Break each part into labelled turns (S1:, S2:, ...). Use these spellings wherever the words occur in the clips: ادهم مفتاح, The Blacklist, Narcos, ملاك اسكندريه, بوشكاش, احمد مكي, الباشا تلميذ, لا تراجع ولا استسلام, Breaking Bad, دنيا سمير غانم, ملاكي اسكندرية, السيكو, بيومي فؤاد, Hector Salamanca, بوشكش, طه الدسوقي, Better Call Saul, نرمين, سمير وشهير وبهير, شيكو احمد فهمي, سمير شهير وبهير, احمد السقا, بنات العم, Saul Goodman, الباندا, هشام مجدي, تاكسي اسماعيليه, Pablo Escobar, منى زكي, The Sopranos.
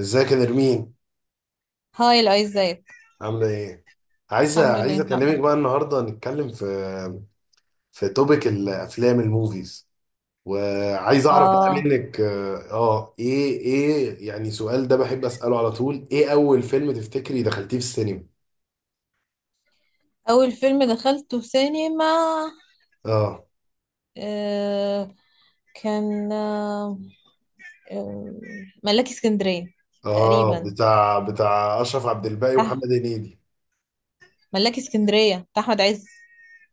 S1: ازيك يا نرمين؟
S2: هاي، لا، ازيك.
S1: عاملة ايه؟ عايز
S2: الحمد لله،
S1: عايز اكلمك
S2: نعم.
S1: بقى النهارده، نتكلم في توبيك الافلام الموفيز، وعايز اعرف بقى
S2: اه،
S1: منك. ايه يعني سؤال ده بحب اساله على طول: ايه اول فيلم تفتكري دخلتيه في السينما؟
S2: اول فيلم دخلته في سينما.
S1: اه،
S2: آه كان آه، ملاكي اسكندرية.
S1: اه،
S2: تقريبا.
S1: بتاع اشرف عبد الباقي ومحمد
S2: صح.
S1: هنيدي.
S2: ملاكي اسكندرية بتاع احمد عز.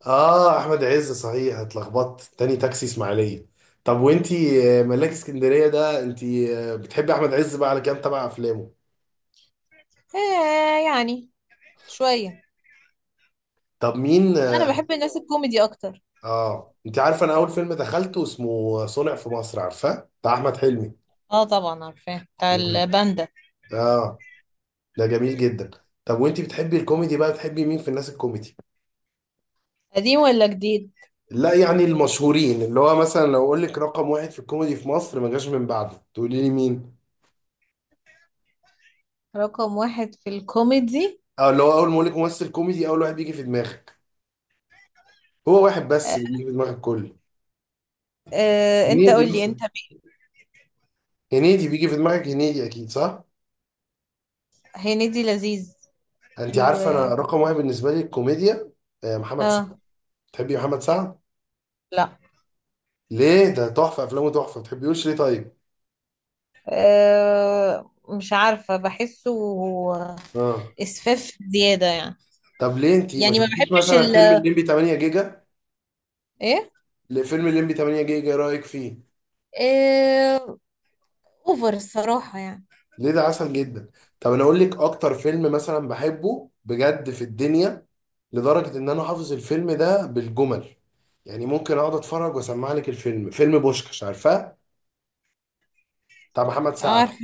S1: اه، احمد عز صحيح، اتلخبطت، تاني تاكسي اسماعيليه. طب وانتي، ملاك اسكندريه ده، انتي بتحبي احمد عز بقى؟ على كام تبع افلامه؟
S2: يعني شوية.
S1: طب مين؟
S2: لا، انا بحب الناس الكوميدي اكتر.
S1: اه، انت عارفه انا اول فيلم دخلته اسمه صنع في مصر، عارفاه؟ بتاع احمد حلمي.
S2: اه، طبعا عارفاه بتاع الباندا.
S1: اه، ده جميل جدا. طب وانت بتحبي الكوميدي بقى، بتحبي مين في الناس الكوميدي؟
S2: قديم ولا جديد؟
S1: لا يعني المشهورين، اللي هو مثلا لو اقول لك رقم واحد في الكوميدي في مصر ما جاش من بعده، تقولي لي مين؟
S2: رقم واحد في الكوميدي.
S1: اه، اللي هو اول ما اقول لك ممثل كوميدي اول واحد بيجي في دماغك. هو واحد بس
S2: آه
S1: اللي بيجي في دماغك كله.
S2: انت
S1: هنيدي
S2: قولي،
S1: مثلا.
S2: انت مين؟
S1: هنيدي بيجي في دماغك، هنيدي اكيد، صح؟
S2: هنيدي لذيذ.
S1: انت
S2: و
S1: عارفه انا رقم واحد بالنسبه لي الكوميديا محمد سعد.
S2: اه
S1: بتحبي محمد سعد؟
S2: لا.
S1: ليه؟ ده تحفه، افلامه تحفه، ما تحبيهوش ليه طيب؟
S2: مش عارفة، بحسه
S1: اه.
S2: إسفاف زيادة يعني.
S1: طب ليه انت ما
S2: يعني ما
S1: شفتيش
S2: بحبش
S1: مثلا
S2: ال
S1: فيلم الليمبي 8 جيجا؟
S2: إيه.
S1: ليه فيلم الليمبي 8 جيجا، إيه رايك فيه؟
S2: أه أوفر الصراحة يعني.
S1: ليه، ده عسل جدا. طب انا اقول لك اكتر فيلم مثلا بحبه بجد في الدنيا، لدرجه ان انا حافظ الفيلم ده بالجمل. يعني ممكن اقعد اتفرج واسمع لك الفيلم، فيلم بوشكش، عارفاه؟ بتاع محمد سعد.
S2: عارفة،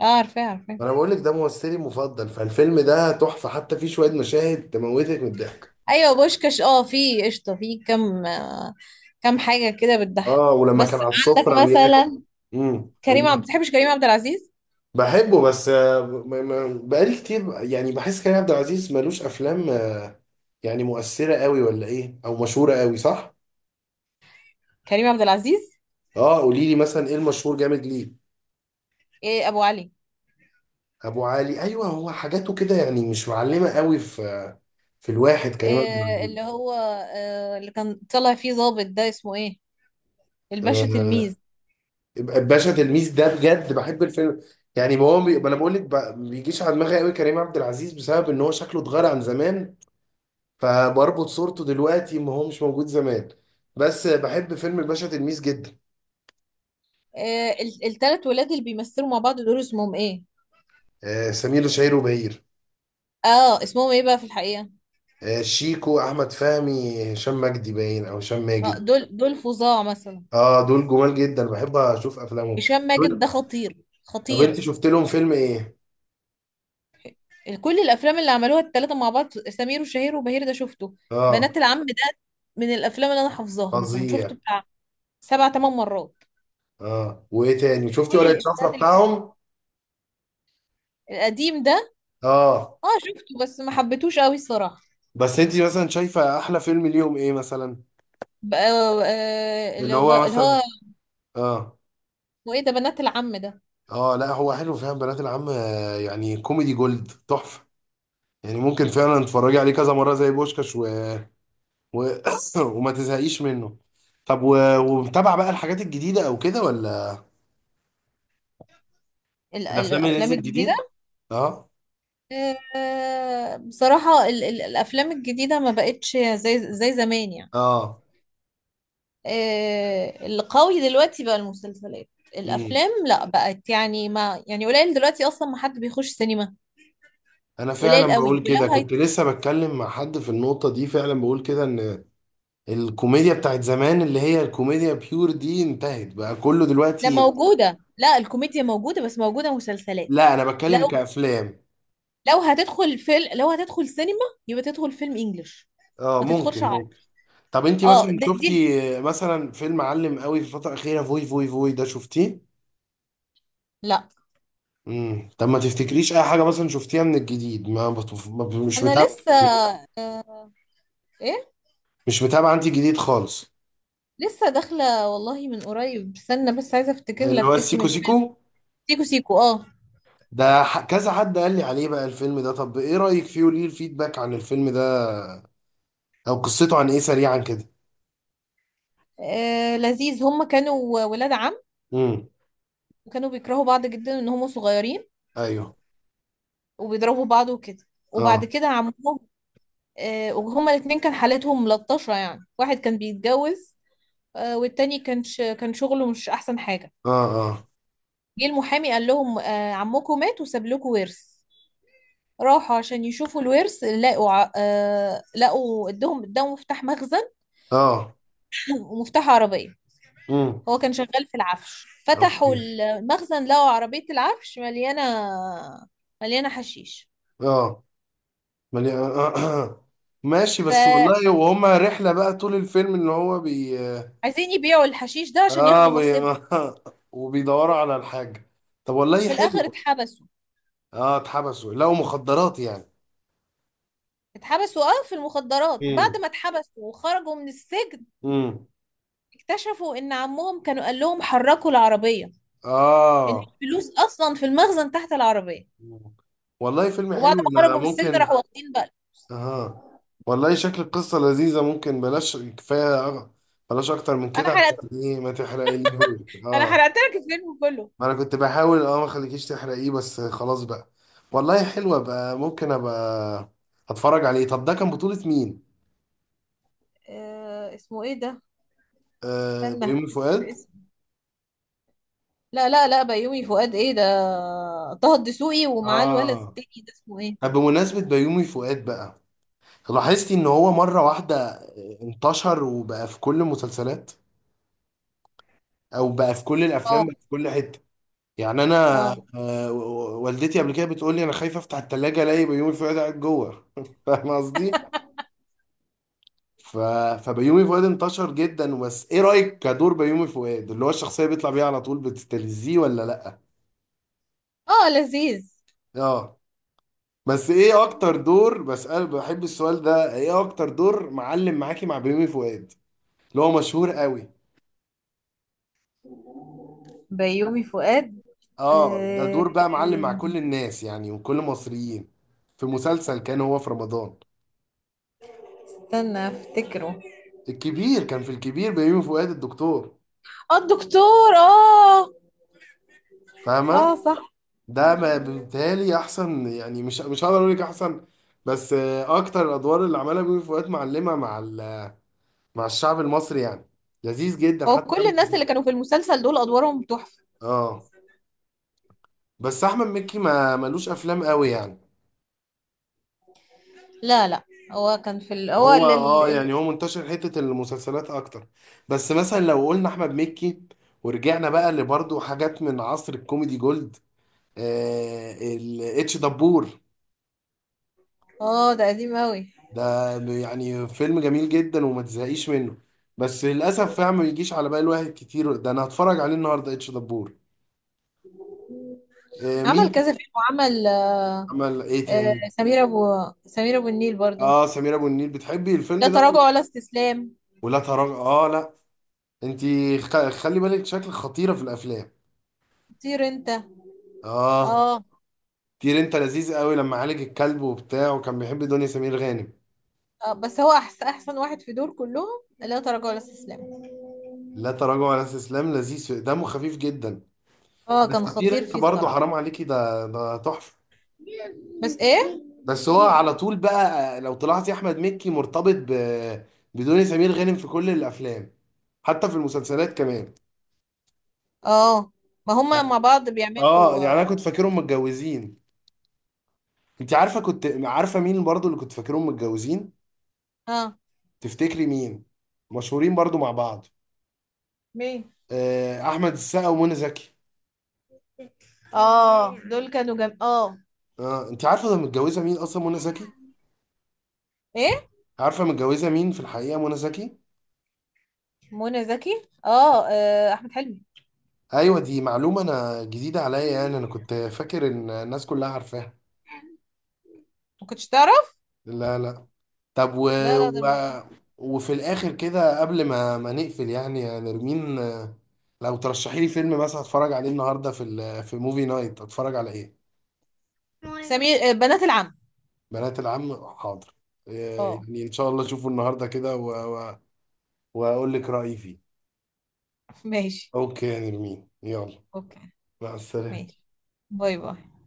S2: عارفة، عارفة.
S1: انا بقول لك ده ممثلي المفضل، فالفيلم ده تحفه، حتى فيه شويه مشاهد تموتك من الضحك.
S2: أيوة بوشكاش، اه، في قشطة، في كم، كم حاجة كده بتضحك.
S1: اه، ولما
S2: بس
S1: كان على
S2: عندك
S1: السفره بياكل.
S2: مثلا،
S1: امم.
S2: كريم عبد بتحبش كريم عبد العزيز؟
S1: بحبه بس، بقالي كتير يعني بحس كريم عبد العزيز ملوش افلام، يعني مؤثره قوي ولا ايه، او مشهوره قوي، صح؟
S2: كريم عبد العزيز.
S1: اه، قولي لي مثلا، ايه المشهور جامد ليه؟
S2: إيه أبو علي.
S1: ابو علي؟ ايوه، هو حاجاته كده يعني مش معلمه قوي في الواحد كريم عبد
S2: إيه
S1: العزيز.
S2: اللي هو، اللي كان طلع فيه ظابط ده اسمه إيه؟ الباشا
S1: آه،
S2: تلميذ.
S1: باشا تلميذ ده بجد بحب الفيلم. يعني ما هو بي... ما انا بقول لك ب... بيجيش على دماغي قوي كريم عبد العزيز، بسبب ان هو شكله اتغير عن زمان، فبربط صورته دلوقتي ما هو مش موجود زمان. بس بحب فيلم الباشا تلميذ جدا.
S2: التلات ولاد اللي بيمثلوا مع بعض دول اسمهم ايه؟
S1: سمير شهير وبهير.
S2: اه، اسمهم ايه بقى في الحقيقة؟
S1: شيكو، احمد فهمي، هشام مجدي، باين او هشام
S2: اه،
S1: ماجد.
S2: دول فظاع مثلا.
S1: اه، دول جمال جدا، بحب اشوف افلامهم.
S2: هشام ماجد ده
S1: دول.
S2: خطير.
S1: طب انت
S2: خطير.
S1: شفت لهم فيلم ايه؟
S2: كل الافلام اللي عملوها التلاتة مع بعض سمير وشهير وبهير ده شفته.
S1: اه،
S2: بنات العم ده من الافلام اللي انا حافظاها، مثلا شفته
S1: فظيع.
S2: بتاع سبع تمن مرات.
S1: اه، وايه تاني شفتي؟
S2: كل
S1: ورقة شفرة
S2: الافيهات اللي فيه،
S1: بتاعهم؟
S2: القديم ده.
S1: اه.
S2: اه، شفته بس ما حبيتهوش قوي الصراحة.
S1: بس انت مثلا شايفة احلى فيلم ليهم ايه مثلا؟ اللي
S2: اللي هو
S1: هو
S2: اللي
S1: مثلا.
S2: هو
S1: اه.
S2: اسمه ايه ده؟ بنات العم ده.
S1: اه لا، هو حلو فعلا بنات العم، يعني كوميدي جولد، تحفة. يعني ممكن فعلا تتفرجي عليه كذا مرة زي بوشكاش، و... وما تزهقيش منه. طب ومتابع بقى الحاجات الجديدة او كده، ولا؟ الافلام اللي
S2: الافلام
S1: نزلت
S2: الجديدة.
S1: جديد. اه،
S2: بصراحة ال الأفلام الجديدة ما بقتش زي زمان يعني.
S1: اه.
S2: القوي دلوقتي بقى المسلسلات.
S1: امم.
S2: الأفلام لا، بقت يعني، ما يعني قليل دلوقتي، أصلا ما حد بيخش سينما.
S1: انا فعلا
S2: قليل قوي.
S1: بقول كده،
S2: ولو هي
S1: كنت لسه بتكلم مع حد في النقطة دي، فعلا بقول كده ان الكوميديا بتاعت زمان، اللي هي الكوميديا بيور دي، انتهت بقى، كله
S2: لا،
S1: دلوقتي.
S2: موجودة، لا الكوميديا موجودة، بس موجودة مسلسلات.
S1: لا انا بتكلم
S2: لو،
S1: كأفلام.
S2: لو هتدخل فيلم، لو هتدخل سينما يبقى تدخل فيلم إنجليش،
S1: اه،
S2: ما تدخلش
S1: ممكن،
S2: عربي.
S1: ممكن. طب انتي
S2: اه،
S1: مثلا
S2: دي.
S1: شفتي، مثلا فيلم علم قوي في الفترة الأخيرة فوي فوي فوي، ده شفتيه؟
S2: لا.
S1: امم. طب ما تفتكريش اي حاجه مثلا شفتيها من الجديد؟ ما, بت... ما ب- مش
S2: أنا
S1: متابع؟
S2: لسه إيه،
S1: مش متابع، انت جديد خالص؟
S2: لسه داخلة والله من قريب، استنى بس عايزة أفتكر
S1: اللي هو
S2: لك اسم
S1: السيكو
S2: الفيلم.
S1: سيكو؟
S2: سيكو سيكو، اه.
S1: ده، كذا حد قال لي عليه بقى الفيلم ده، طب ايه رايك فيه، وليه الفيدباك عن الفيلم ده، او قصته عن ايه سريعا كده؟
S2: لذيذ. هم كانوا ولاد عم،
S1: امم.
S2: وكانوا بيكرهوا بعض جدا ان هم صغيرين،
S1: ايوه.
S2: وبيضربوا بعض وكده. وبعد
S1: اه.
S2: كده عمهم، وهما الاتنين كان حالتهم ملطشة يعني. واحد كان بيتجوز، والتاني كان شغله مش احسن حاجة.
S1: اه. اه.
S2: جه المحامي قال لهم عمكم مات وساب لكم ورث. راحوا عشان يشوفوا الورث، لقوا ع- آه، لقوا ادهم مفتاح مخزن
S1: اه.
S2: ومفتاح عربية.
S1: امم.
S2: هو كان شغال في العفش. فتحوا
S1: اوكي.
S2: المخزن لقوا عربية العفش مليانة، مليانة حشيش.
S1: اه. ملي... آه. ماشي، بس
S2: فعايزين
S1: والله، وهما رحله بقى طول الفيلم، ان هو
S2: يبيعوا الحشيش ده عشان
S1: اه
S2: ياخدوا
S1: بي...
S2: نصيبهم.
S1: وبيدوروا على الحاجه. طب والله
S2: وفي الآخر
S1: حلو.
S2: اتحبسوا.
S1: اه، اتحبسوا، لقوا مخدرات يعني.
S2: اتحبسوا، اه، في المخدرات. بعد
S1: امم.
S2: ما اتحبسوا وخرجوا من السجن
S1: امم.
S2: اكتشفوا ان عمهم كانوا قال لهم حركوا العربية، ان
S1: اه.
S2: الفلوس اصلا في المخزن تحت العربية.
S1: مم. والله فيلم
S2: وبعد
S1: حلو،
S2: ما
S1: انا
S2: خرجوا من السجن
S1: ممكن.
S2: راحوا واخدين بقى.
S1: اه، والله شكل القصة لذيذة، ممكن بلاش، كفاية بلاش اكتر من
S2: انا
S1: كده،
S2: حرقت،
S1: عشان ايه ما تحرقيليهوش.
S2: انا
S1: اه،
S2: حرقت لك الفيلم كله.
S1: ما انا كنت بحاول ما خليكيش تحرقيه، بس خلاص بقى. والله حلوة بقى، ممكن ابقى اتفرج عليه. طب ده كان بطولة مين؟
S2: آه، اسمه ايه ده؟
S1: آه،
S2: استنى.
S1: بيومي فؤاد.
S2: لا، لا، لا، بيومي فؤاد ايه ده؟ طه الدسوقي ومعاه الولد
S1: اه،
S2: التاني ده اسمه ايه؟
S1: طب بمناسبة بيومي فؤاد بقى، لاحظتي ان هو مرة واحدة انتشر وبقى في كل المسلسلات، او بقى في كل الافلام،
S2: اه.
S1: بقى في كل حتة. يعني انا،
S2: اه.
S1: والدتي قبل كده بتقول لي انا خايفة افتح التلاجة الاقي بيومي فؤاد قاعد جوه فاهم قصدي؟ ف... فبيومي فؤاد انتشر جدا، بس ايه رأيك كدور بيومي فؤاد، اللي هو الشخصية بيطلع بيها على طول، بتستلذيه ولا لا؟
S2: اه، لذيذ.
S1: اه. بس ايه اكتر دور؟ بسأل، بحب السؤال ده: ايه اكتر دور معلم معاكي مع بيومي فؤاد، اللي هو مشهور قوي؟
S2: بيومي فؤاد.
S1: اه، ده
S2: آه،
S1: دور بقى معلم مع كل الناس يعني، وكل المصريين، في مسلسل كان هو في رمضان
S2: استنى افتكره.
S1: الكبير. كان في الكبير بيومي فؤاد الدكتور،
S2: اه، الدكتور، اه. اه،
S1: فاهمة؟
S2: صح. صح.
S1: ده ما بالتالي احسن، يعني مش هقدر اقول لك احسن، بس اكتر الادوار اللي عملها بيومي فؤاد معلمة مع مع الشعب المصري يعني. لذيذ جدا،
S2: هو
S1: حتى
S2: كل
S1: دمه
S2: الناس
S1: خفيف.
S2: اللي كانوا في المسلسل دول ادوارهم تحفة.
S1: اه، بس احمد مكي ما ملوش افلام قوي يعني،
S2: لا، لا. هو كان في ال... هو
S1: هو
S2: ال... ال- ال-
S1: يعني هو منتشر حتة المسلسلات اكتر. بس مثلا لو قلنا احمد مكي، ورجعنا بقى لبرضه حاجات من عصر الكوميدي جولد، الاتش دبور
S2: اه، ده قديم قوي.
S1: ده، يعني فيلم جميل جدا وما تزهقيش منه، بس للاسف فعلا ما بيجيش على بال واحد كتير. ده انا هتفرج عليه النهارده، اتش دبور. آه،
S2: عمل
S1: مين
S2: كذا
S1: تاني؟
S2: فيلم، وعمل،
S1: عمل ايه تاني؟
S2: سمير ابو، سمير ابو النيل برضو.
S1: اه، سمير ابو النيل؟ بتحبي
S2: لا
S1: الفيلم ده ولا؟
S2: تراجع ولا استسلام.
S1: ولا تراجع؟ اه لا. انتي خلي بالك شكلك خطيرة في الافلام.
S2: طير انت.
S1: اه،
S2: اه.
S1: كتير انت لذيذ قوي، لما عالج الكلب وبتاع، وكان بيحب دنيا سمير غانم.
S2: بس هو احسن واحد في دول كلهم. لا تراجع ولا استسلام.
S1: لا تراجع ولا استسلام لذيذ، دمه خفيف جدا.
S2: اه،
S1: بس
S2: كان
S1: كتير
S2: خطير
S1: انت
S2: فيه
S1: برضه
S2: الصراحة.
S1: حرام عليكي، ده تحفه.
S2: بس ايه.
S1: بس هو على طول بقى، لو طلعتي احمد مكي مرتبط بدنيا سمير غانم في كل الافلام، حتى في المسلسلات كمان.
S2: اه. ما هما مع بعض
S1: اه،
S2: بيعملوا،
S1: يعني انا
S2: اه.
S1: كنت فاكرهم متجوزين. انت عارفه كنت عارفه مين برضه اللي كنت فاكرهم متجوزين؟
S2: آه،
S1: تفتكري مين؟ مشهورين برضه مع بعض.
S2: مين؟
S1: احمد السقا ومنى زكي.
S2: اه، دول كانوا جم، اه.
S1: اه، انت عارفه ده متجوزه مين اصلا منى زكي؟
S2: ايه؟
S1: عارفه متجوزه مين في الحقيقه منى زكي؟
S2: منى زكي، اه، احمد حلمي.
S1: ايوه، دي معلومه انا جديده عليا، يعني انا كنت فاكر ان الناس كلها عارفاها.
S2: ما كنتش تعرف.
S1: لا، لا. طب
S2: لا، لا، ده
S1: و...
S2: المنتخب.
S1: وفي الاخر كده قبل ما نقفل، يعني يا نرمين، لو ترشحي لي فيلم مثلا اتفرج عليه النهارده في في موفي نايت، اتفرج على ايه؟
S2: سمير، بنات العم.
S1: بنات العم، حاضر.
S2: اه.
S1: يعني ان شاء الله اشوفه النهارده كده، و... واقول لك رايي فيه.
S2: ماشي.
S1: اوكي يا نرمين، يلا.
S2: اوكي.
S1: مع السلامه.
S2: ماشي. باي، باي.